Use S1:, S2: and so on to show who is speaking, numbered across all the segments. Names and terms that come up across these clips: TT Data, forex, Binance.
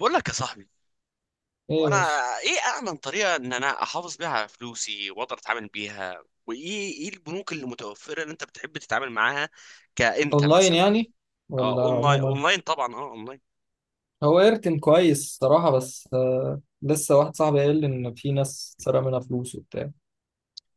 S1: بقول لك يا صاحبي،
S2: ايه
S1: وانا
S2: بس.
S1: ايه امن طريقه ان انا احافظ بيها على فلوسي، واقدر اتعامل بيها. وايه البنوك اللي متوفره اللي انت بتحب تتعامل معاها؟ كانت
S2: اونلاين
S1: مثلا
S2: يعني،
S1: اه
S2: ولا
S1: اونلاين،
S2: عموما؟
S1: طبعا، اونلاين.
S2: هو ايرتن كويس صراحة، بس لسه واحد صاحبي قال لي ان في ناس سرق منها فلوس وبتاع.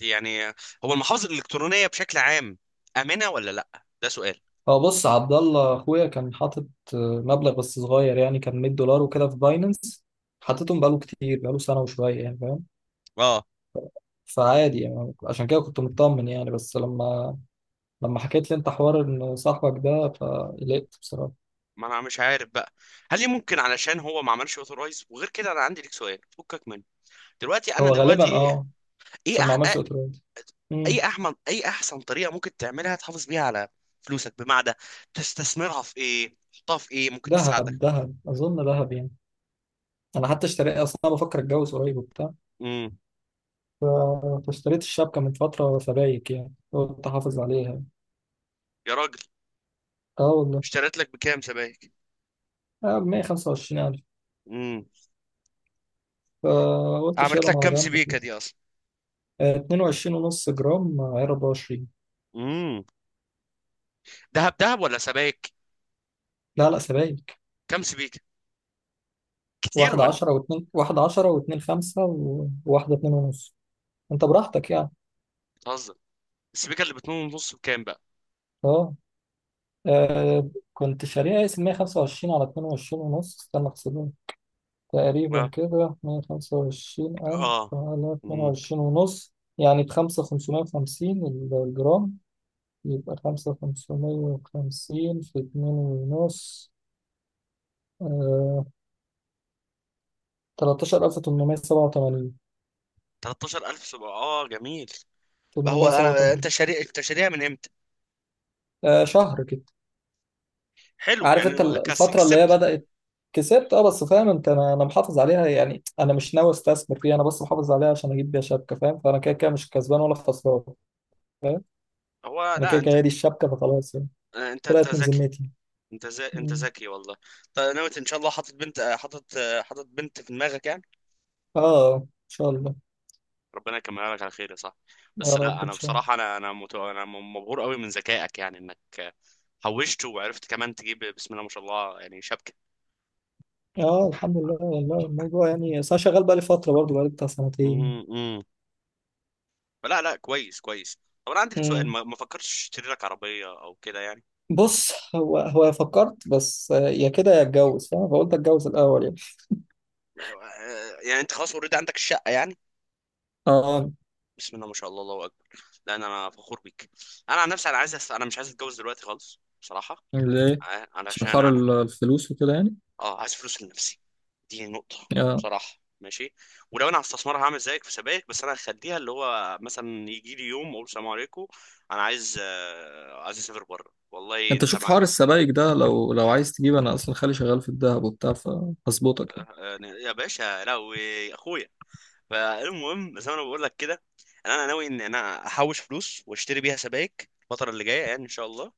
S1: يعني هو المحافظ الالكترونيه بشكل عام، امنه ولا لا؟ ده سؤال.
S2: هو بص، عبد الله اخويا كان حاطط آه، مبلغ بس صغير، يعني كان $100 وكده في باينانس، حطيتهم بقاله كتير، بقاله سنة وشوية يعني فاهم.
S1: اه
S2: فعادي يعني، عشان كده كنت مطمن يعني، بس لما حكيت لي انت حوار ان صاحبك ده فقلقت بصراحة.
S1: ما انا مش عارف بقى، هل ليه ممكن علشان هو ما عملش اوثورايز؟ وغير كده انا عندي لك سؤال، فكك منه. دلوقتي انا
S2: هو
S1: دلوقتي
S2: غالبا
S1: ايه،
S2: اه،
S1: ايه
S2: عشان ما
S1: أح-
S2: عملش اوتوريت.
S1: اي
S2: مم.
S1: احمد اي احسن طريقه ممكن تعملها تحافظ بيها على فلوسك؟ بمعنى تستثمرها في ايه، تحطها في ايه ممكن
S2: دهب
S1: تساعدك.
S2: دهب اظن دهب يعني. انا حتى اشتريت اصلا، أنا بفكر اتجوز قريب وبتاع،
S1: امم
S2: فاشتريت الشبكه من فتره فبايك، يعني قلت احافظ عليها.
S1: يا راجل،
S2: اه والله.
S1: اشتريت لك بكام سبائك؟
S2: اه، ب 125,000.
S1: امم
S2: فقلت
S1: عملت
S2: اشيلهم
S1: لك
S2: على
S1: كام
S2: جنب كده.
S1: سبيكه دي اصلا؟
S2: 22 ونص جرام، 24.
S1: امم دهب دهب ولا سبائك؟
S2: لا لا، سبايك.
S1: كام سبيكه؟ كتير
S2: واحدة
S1: ولا؟
S2: عشرة واتنين، واحدة عشرة واتنين خمسة وواحدة اتنين ونص. انت براحتك يعني.
S1: بتهزر. السبيكه اللي باتنين ونص بكام بقى؟
S2: اه، كنت شاريها اس 125 على 22 ونص. استنى احسبها. تقريبا
S1: اه،
S2: كده 125,000
S1: اه،
S2: على اتنين
S1: امم
S2: وعشرين ونص، يعني بخمسة 550 الجرام. يبقى خمسة خمسمية وخمسين في اتنين ونص، 13,887.
S1: 13,000 سبعة، اه، جميل. هو
S2: تمنمية سبعة
S1: انا
S2: وتمانين
S1: انت شاري، انت شاريها من امتى؟
S2: آه، شهر كده.
S1: حلو،
S2: عارف أنت
S1: يعني
S2: الفترة اللي هي
S1: كسبت.
S2: بدأت. كسبت اه، بس فاهم انت، انا محافظ عليها، يعني انا مش ناوي استثمر فيها، انا بس محافظ عليها عشان اجيب بيها شبكه فاهم، فانا كده كده مش كسبان ولا خسران فاهم.
S1: هو
S2: انا
S1: لا
S2: كده كده
S1: انت،
S2: هي دي الشبكه فخلاص يعني.
S1: انت
S2: طلعت من
S1: ذكي.
S2: ذمتي.
S1: انت زي... انت
S2: مم.
S1: ذكي والله. طيب نويت ان شاء الله، حاطط بنت، حاطط بنت في دماغك يعني؟
S2: اه، ان شاء الله.
S1: ربنا يكملها لك على خير يا صاحبي.
S2: يا
S1: بس لا
S2: رب ان
S1: انا
S2: شاء الله.
S1: بصراحه انا مت... انا مبهور قوي من ذكائك، يعني انك حوشت وعرفت كمان تجيب بسم الله ما شاء الله يعني شبكه.
S2: اه الحمد لله والله، الموضوع يعني بس انا شغال بقالي فتره برضه، بقالي بتاع سنتين.
S1: امم لا لا، كويس كويس. طب انا عندي لك سؤال،
S2: مم.
S1: ما فكرتش تشتري لك عربيه او كده يعني؟
S2: بص، هو هو فكرت بس، يا كده يا اتجوز فاهم، فقلت اتجوز الاول يعني.
S1: يعني انت خلاص اوريدي عندك الشقه يعني؟
S2: اه.
S1: بسم الله ما شاء الله، الله اكبر. لان انا فخور بيك. انا عن نفسي انا عايز أس... انا مش عايز اتجوز دلوقتي خالص بصراحه.
S2: ليه؟ عشان
S1: علشان
S2: حوار
S1: انا،
S2: الفلوس وكده يعني.
S1: اه، عايز فلوس لنفسي. دي نقطة.
S2: اه،
S1: بصراحة، ماشي. ولو انا هستثمرها هعمل زيك في سبائك، بس انا هخليها اللي هو مثلا يجي لي يوم اقول سلام عليكم. انا عايز عايز اسافر بره والله.
S2: انت
S1: انت
S2: شوف
S1: مع،
S2: حوار السبائك ده، لو عايز تجيب انا اصلا خالي شغال في الذهب وبتاع، فهظبطك يعني.
S1: يا باشا لهوي اخويا. فالمهم زي ما انا بقول لك كده، انا ناوي ان انا احوش فلوس واشتري بيها سبائك الفترة اللي جاية يعني ان شاء الله.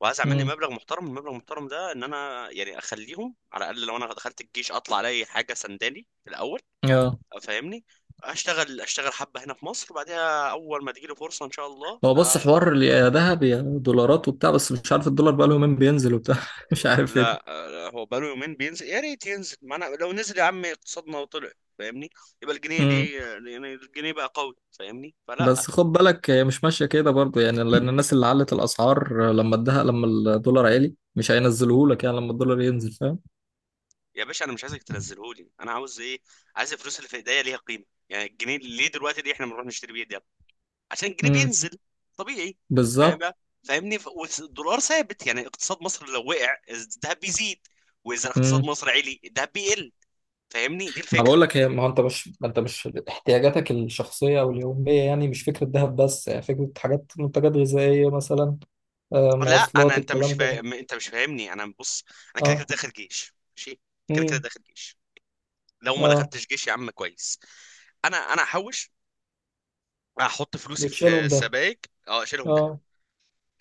S1: وعايز اعمل لي
S2: امم،
S1: مبلغ محترم، المبلغ المحترم ده ان انا يعني اخليهم على الاقل لو انا دخلت الجيش اطلع الاقي حاجة سنداني في الاول.
S2: اه.
S1: فاهمني؟ اشتغل، اشتغل حبه هنا في مصر، بعدها اول ما تجيلي فرصه ان شاء الله
S2: هو بص
S1: آه.
S2: حوار يا ذهب يا دولارات وبتاع، بس مش عارف الدولار بقاله يومين بينزل وبتاع مش عارف ايه
S1: لا، آه، هو بقاله يومين بينزل، يا ريت ينزل. ما انا لو نزل يا عم اقتصادنا وطلع، فاهمني؟ يبقى الجنيه
S2: ده.
S1: دي، يعني الجنيه بقى قوي، فاهمني؟ فلا،
S2: بس خد بالك، هي مش ماشية كده برضو يعني، لأن الناس اللي علت الأسعار لما ادها، لما الدولار عالي مش هينزله لك يعني لما الدولار ينزل فاهم.
S1: يا باشا انا مش عايزك تنزله لي، انا عاوز ايه؟ عايز الفلوس اللي في ايديا ليها قيمه. يعني الجنيه ليه دلوقتي دي احنا بنروح نشتري بيه دي؟ عشان الجنيه
S2: امم،
S1: بينزل. طبيعي. فاهم
S2: بالظبط.
S1: بقى؟ فاهمني والدولار ثابت، يعني اقتصاد مصر لو وقع الذهب بيزيد، واذا اقتصاد
S2: امم.
S1: مصر عالي الذهب بيقل. فاهمني؟ دي
S2: ما
S1: الفكره.
S2: بقول لك، هي ما هو انت مش احتياجاتك الشخصية واليومية يعني، مش فكرة ذهب بس، يعني فكرة حاجات، منتجات غذائية مثلا،
S1: لا انا،
S2: مواصلات،
S1: انت مش
S2: الكلام ده.
S1: فاهم، انت مش فاهمني، انا بص. انا كده كده
S2: اه.
S1: داخل جيش، ماشي. كده كده
S2: امم.
S1: داخل جيش. لو ما
S2: اه،
S1: دخلتش جيش يا عم كويس. انا هحوش، هحط فلوسي في
S2: وتشيلهم ده.
S1: سبائك، اه اشيلهم.
S2: اه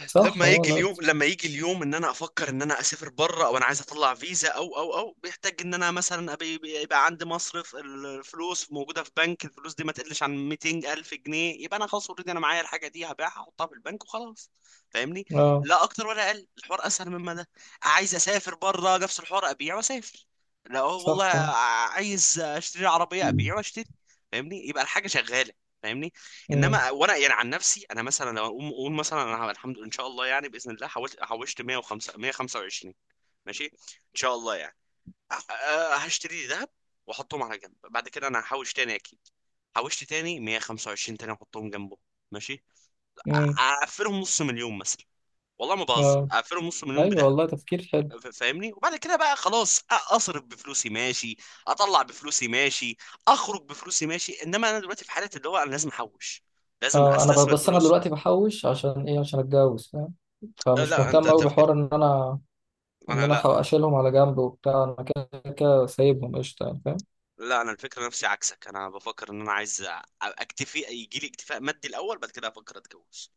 S2: صح.
S1: لما
S2: اه،
S1: يجي
S2: لا.
S1: اليوم، لما يجي اليوم ان انا افكر ان انا اسافر بره، او انا عايز اطلع فيزا او او او، بيحتاج ان انا مثلا يبقى عندي مصرف، الفلوس موجوده في بنك، الفلوس دي ما تقلش عن 200 الف جنيه، يبقى انا خلاص اوريدي انا معايا الحاجه دي، هبيعها احطها في البنك وخلاص. فاهمني؟
S2: اه
S1: لا اكتر ولا اقل، الحوار اسهل مما ده. عايز اسافر بره نفس الحوار، ابيع واسافر. لا والله.
S2: صح. اه.
S1: عايز اشتري عربيه، ابيع واشتري. فاهمني؟ يبقى الحاجه شغاله. فاهمني؟
S2: امم.
S1: انما وانا يعني عن نفسي، انا مثلا لو اقوم اقول مثلا انا الحمد لله ان شاء الله يعني باذن الله حوشت 105 125، ماشي ان شاء الله يعني. هشتري لي ذهب واحطهم على جنب. بعد كده انا هحوش تاني اكيد. حوشت تاني 125 تاني، احطهم جنبه، ماشي.
S2: امم.
S1: اقفلهم نص مليون مثلا. والله ما بهزر،
S2: اه.
S1: اقفلهم نص مليون
S2: ايوه
S1: بذهب.
S2: والله، تفكير حلو.
S1: فاهمني؟ وبعد كده بقى خلاص اصرف بفلوسي، ماشي. اطلع بفلوسي، ماشي. اخرج بفلوسي، ماشي. انما انا دلوقتي في حالة اللي هو انا لازم احوش، لازم
S2: اه، انا
S1: استثمر
S2: بس انا
S1: فلوسي.
S2: دلوقتي بحوش، عشان ايه؟ عشان اتجوز فاهم، فمش
S1: لا انت
S2: مهتم قوي
S1: تفكر،
S2: بحوار ان انا،
S1: انا لا.
S2: اشيلهم على جنب وبتاع، انا كده كده سايبهم قشطه يعني فاهم.
S1: لا انا الفكره نفسي عكسك، انا بفكر ان انا عايز اكتفي، يجي لي اكتفاء مادي الاول، بعد كده افكر اتجوز.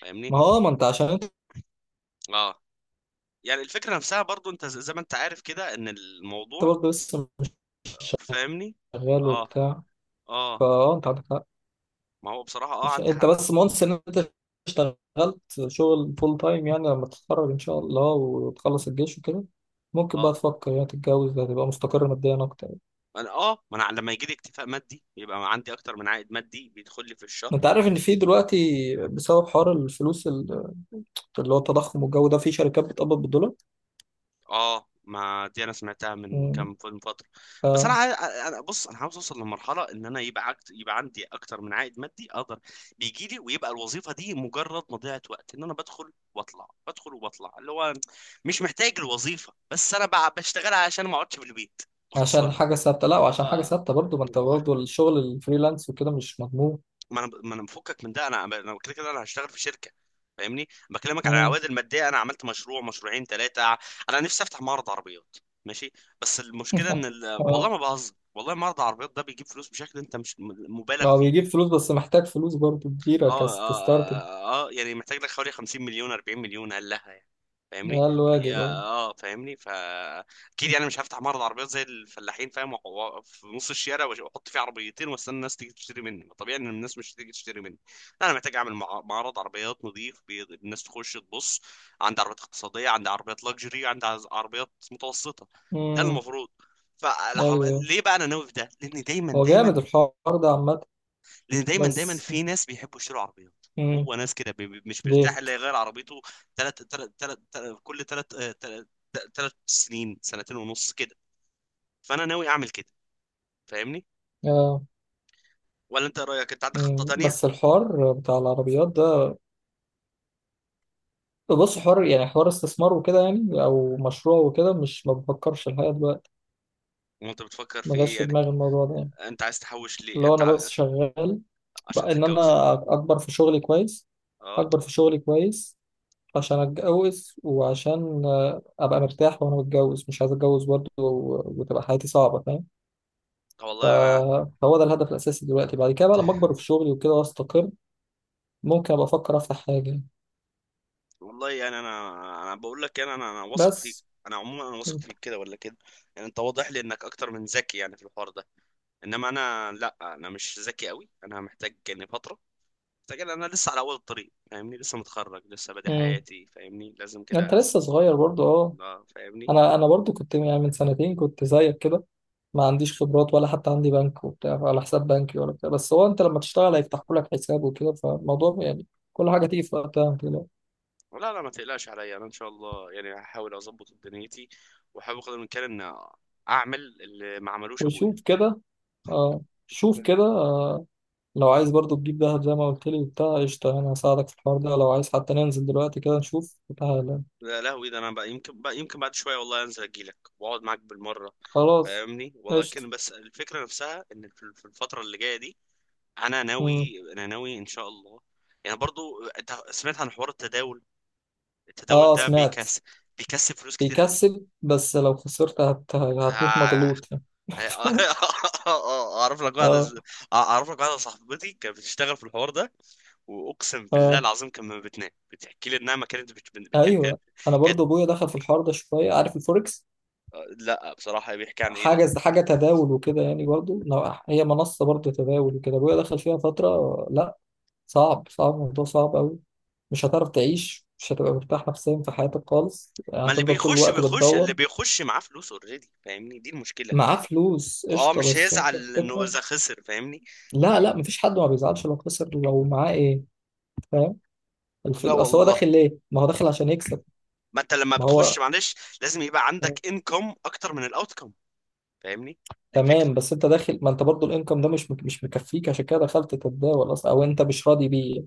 S1: فاهمني؟
S2: ما هو ما انت عشان انت
S1: اه، يعني الفكره نفسها برضو، انت زي ما انت عارف كده ان الموضوع،
S2: برضه لسه
S1: فاهمني؟
S2: شغال
S1: اه،
S2: وبتاع.
S1: اه،
S2: فاه، انت عندك حق.
S1: ما هو بصراحه اه
S2: مش
S1: عندي
S2: انت
S1: حق.
S2: بس مونس ان انت اشتغلت شغل فول تايم، يعني لما تتخرج ان شاء الله وتخلص الجيش وكده، ممكن بقى
S1: اه،
S2: تفكر يعني تتجوز، هتبقى مستقر ماديا اكتر.
S1: انا اه، ما انا لما يجي لي اكتفاء مادي يبقى عندي اكتر من عائد مادي بيدخل لي في الشهر.
S2: انت عارف ان في دلوقتي بسبب حوار الفلوس اللي هو التضخم والجو ده، في شركات بتقبض بالدولار.
S1: اه ما دي انا سمعتها من
S2: مم.
S1: كام فيلم فتره. بس انا
S2: اه،
S1: انا بص، انا عاوز اوصل لمرحله ان انا يبقى عكت... يبقى عندي اكتر من عائد مادي اقدر بيجي لي، ويبقى الوظيفه دي مجرد مضيعه وقت ان انا بدخل واطلع، بدخل وبطلع، اللي هو مش محتاج الوظيفه، بس انا بقى بشتغلها عشان ما اقعدش في البيت. باختصار.
S2: عشان حاجة ثابتة، لا وعشان حاجة
S1: اه،
S2: ثابتة برضو، ما انت برضو الشغل الفريلانس وكده مش مضمون.
S1: ما انا مفكك من ده، انا كده كده انا هشتغل في شركه. فاهمني؟ بكلمك على
S2: مم.
S1: العوائد الماديه، انا عملت مشروع مشروعين ثلاثه. انا نفسي افتح معرض عربيات، ماشي. بس المشكله ان ال... والله
S2: اه،
S1: ما بهزر، والله معرض العربيات ده بيجيب فلوس بشكل انت مش
S2: ما
S1: مبالغ
S2: هو
S1: فيه.
S2: بيجيب فلوس، بس محتاج فلوس برضو كبيرة،
S1: اه، اه،
S2: كستارت.
S1: اه، يعني محتاج لك حوالي 50 مليون، 40 مليون هل لها يعني. فاهمني؟
S2: ده الواجب
S1: يا
S2: اه.
S1: اه فاهمني اكيد يعني مش هفتح معرض عربيات زي الفلاحين، فاهم، في نص الشارع، واحط فيه عربيتين واستنى الناس تيجي تشتري مني. ما طبيعي ان الناس مش تيجي تشتري مني. انا محتاج اعمل معرض عربيات نظيف، الناس تخش تبص عندي عربيات اقتصاديه، عندي عربيات لاكجري، عندي عربيات متوسطه. ده
S2: مم.
S1: المفروض. فالعرب...
S2: ايوه،
S1: ليه بقى انا ناوي في ده؟ لان دايما
S2: هو
S1: دايما
S2: جامد الحوار ده عامة،
S1: لان دايما
S2: بس.
S1: في ناس بيحبوا يشتروا عربيات.
S2: مم.
S1: هو ناس كده مش
S2: ليه؟
S1: بيرتاح الا يغير عربيته. كل تلات تلات سنين، سنتين ونص كده. فانا ناوي اعمل كده. فاهمني؟
S2: اه.
S1: ولا انت إيه رايك؟ انت عندك خطة
S2: مم.
S1: تانية؟
S2: بس الحوار بتاع العربيات ده، بص حوار يعني، حوار استثمار وكده يعني، او مشروع وكده، مش ما بفكرش الحقيقة دلوقتي.
S1: وانت بتفكر في
S2: ما جاش
S1: ايه
S2: في
S1: يعني؟
S2: دماغي الموضوع ده يعني،
S1: انت عايز تحوش ليه
S2: اللي هو
S1: انت
S2: انا بس شغال
S1: عشان
S2: بقى ان
S1: تتجوز؟
S2: انا اكبر في شغلي كويس،
S1: اه،
S2: اكبر في شغلي كويس، عشان اتجوز، وعشان ابقى مرتاح وانا متجوز، مش عايز اتجوز برضه وتبقى حياتي صعبه فاهم. ف-
S1: والله انا،
S2: فهو ده الهدف الاساسي دلوقتي، بعد كده بقى لما اكبر في شغلي وكده واستقر ممكن ابقى افكر افتح حاجه.
S1: والله يعني انا بقول لك يعني، انا واثق فيك.
S2: بس
S1: انا عموما انا واثق
S2: انت.
S1: فيك كده ولا كده. يعني انت واضح لي انك اكتر من ذكي يعني في الحوار ده. انما انا لا، انا مش ذكي قوي، انا محتاج يعني فترة، مستعجل. انا لسه على اول الطريق، فاهمني؟ لسه متخرج، لسه بادئ
S2: مم.
S1: حياتي، فاهمني؟ لازم
S2: انت
S1: كده أس...
S2: لسه صغير برضه اه.
S1: اه، فاهمني؟
S2: انا برضو كنت يعني من سنتين كنت زيك كده، ما عنديش خبرات ولا حتى عندي بنك وبتاع ولا حساب بنكي ولا بتاع، بس هو انت لما تشتغل هيفتحوا لك حساب وكده، فالموضوع يعني كل حاجه تيجي في وقتها ما تقلقش.
S1: لا لا، ما تقلقش عليا، انا ان شاء الله يعني هحاول اظبط دنيتي، واحاول قدر الامكان ان اعمل اللي ما عملوش ابويا.
S2: وشوف كده اه. شوف كده، لو عايز برضو تجيب دهب زي ما قلت لي وبتاع قشطه، انا هساعدك في الحوار ده. لو عايز حتى ننزل دلوقتي كده نشوف، تعالى.
S1: لا لهوي ده، انا بقى يمكن، بقى يمكن بعد شويه والله انزل اجيلك واقعد معاك بالمره.
S2: خلاص،
S1: فاهمني؟
S2: قشطه.
S1: ولكن بس الفكره نفسها ان في الفتره اللي جايه دي، انا
S2: مم.
S1: ناوي انا ناوي ان شاء الله. يعني برضو انت سمعت عن حوار التداول؟ التداول
S2: اه،
S1: ده
S2: سمعت.
S1: بيكسب، بيكسب فلوس كتير قوي.
S2: بيكسب، بس لو خسرت هتموت
S1: آه،
S2: مجلوط يعني.
S1: اعرف لك واحده
S2: اه،
S1: اعرف لك واحده صاحبتي كانت بتشتغل في الحوار ده، واقسم بالله
S2: اه،
S1: العظيم كان ما بتنام بتحكي لي انها ما كانت بت... بت- كانت
S2: ايوه،
S1: كانت
S2: انا
S1: كانت-
S2: برضو ابويا دخل في الحوار ده شويه، عارف الفوركس.
S1: لا بصراحه بيحكي عن ايه ده؟
S2: حاجه، حاجه تداول وكده يعني، برضو هي منصه برضو تداول وكده، ابويا دخل فيها فتره، لا. صعب، صعب الموضوع صعب قوي. مش هتعرف تعيش، مش هتبقى مرتاح نفسيا في حياتك خالص،
S1: ما اللي
S2: هتفضل طول
S1: بيخش،
S2: الوقت
S1: اللي
S2: بتدور.
S1: بيخش معاه فلوس اوريدي، فاهمني؟ دي المشكله.
S2: معاه فلوس
S1: اه
S2: قشطه،
S1: مش
S2: بس انت
S1: هيزعل انه
S2: الفكره.
S1: اذا خسر، فاهمني؟
S2: لا لا، مفيش حد ما بيزعلش لو خسر، لو معاه ايه فاهم،
S1: لا
S2: الفل اصل هو
S1: والله،
S2: داخل ليه؟ ما هو داخل عشان يكسب.
S1: ما انت لما
S2: ما هو
S1: بتخش معلش لازم يبقى عندك انكم اكتر من الاوتكم. فاهمني؟ دي،
S2: تمام، بس انت داخل، ما انت برضو الانكم ده مش مكفيك، عشان كده دخلت تتداول اصلا، او انت مش راضي بيه.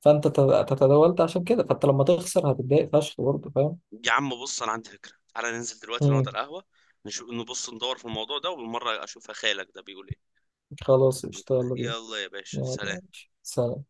S2: فانت تتداولت عشان كده، فانت لما تخسر هتتضايق فشخ برضه فاهم.
S1: يا عم بص، انا عندي فكره، تعالى ننزل دلوقتي نقعد
S2: امم.
S1: على القهوه، نشوف نبص ندور في الموضوع ده، وبالمره اشوف خالك ده بيقول ايه.
S2: خلاص، اشتغل بيه.
S1: يلا يا باشا،
S2: يلا
S1: سلام.
S2: ماشي. سلام.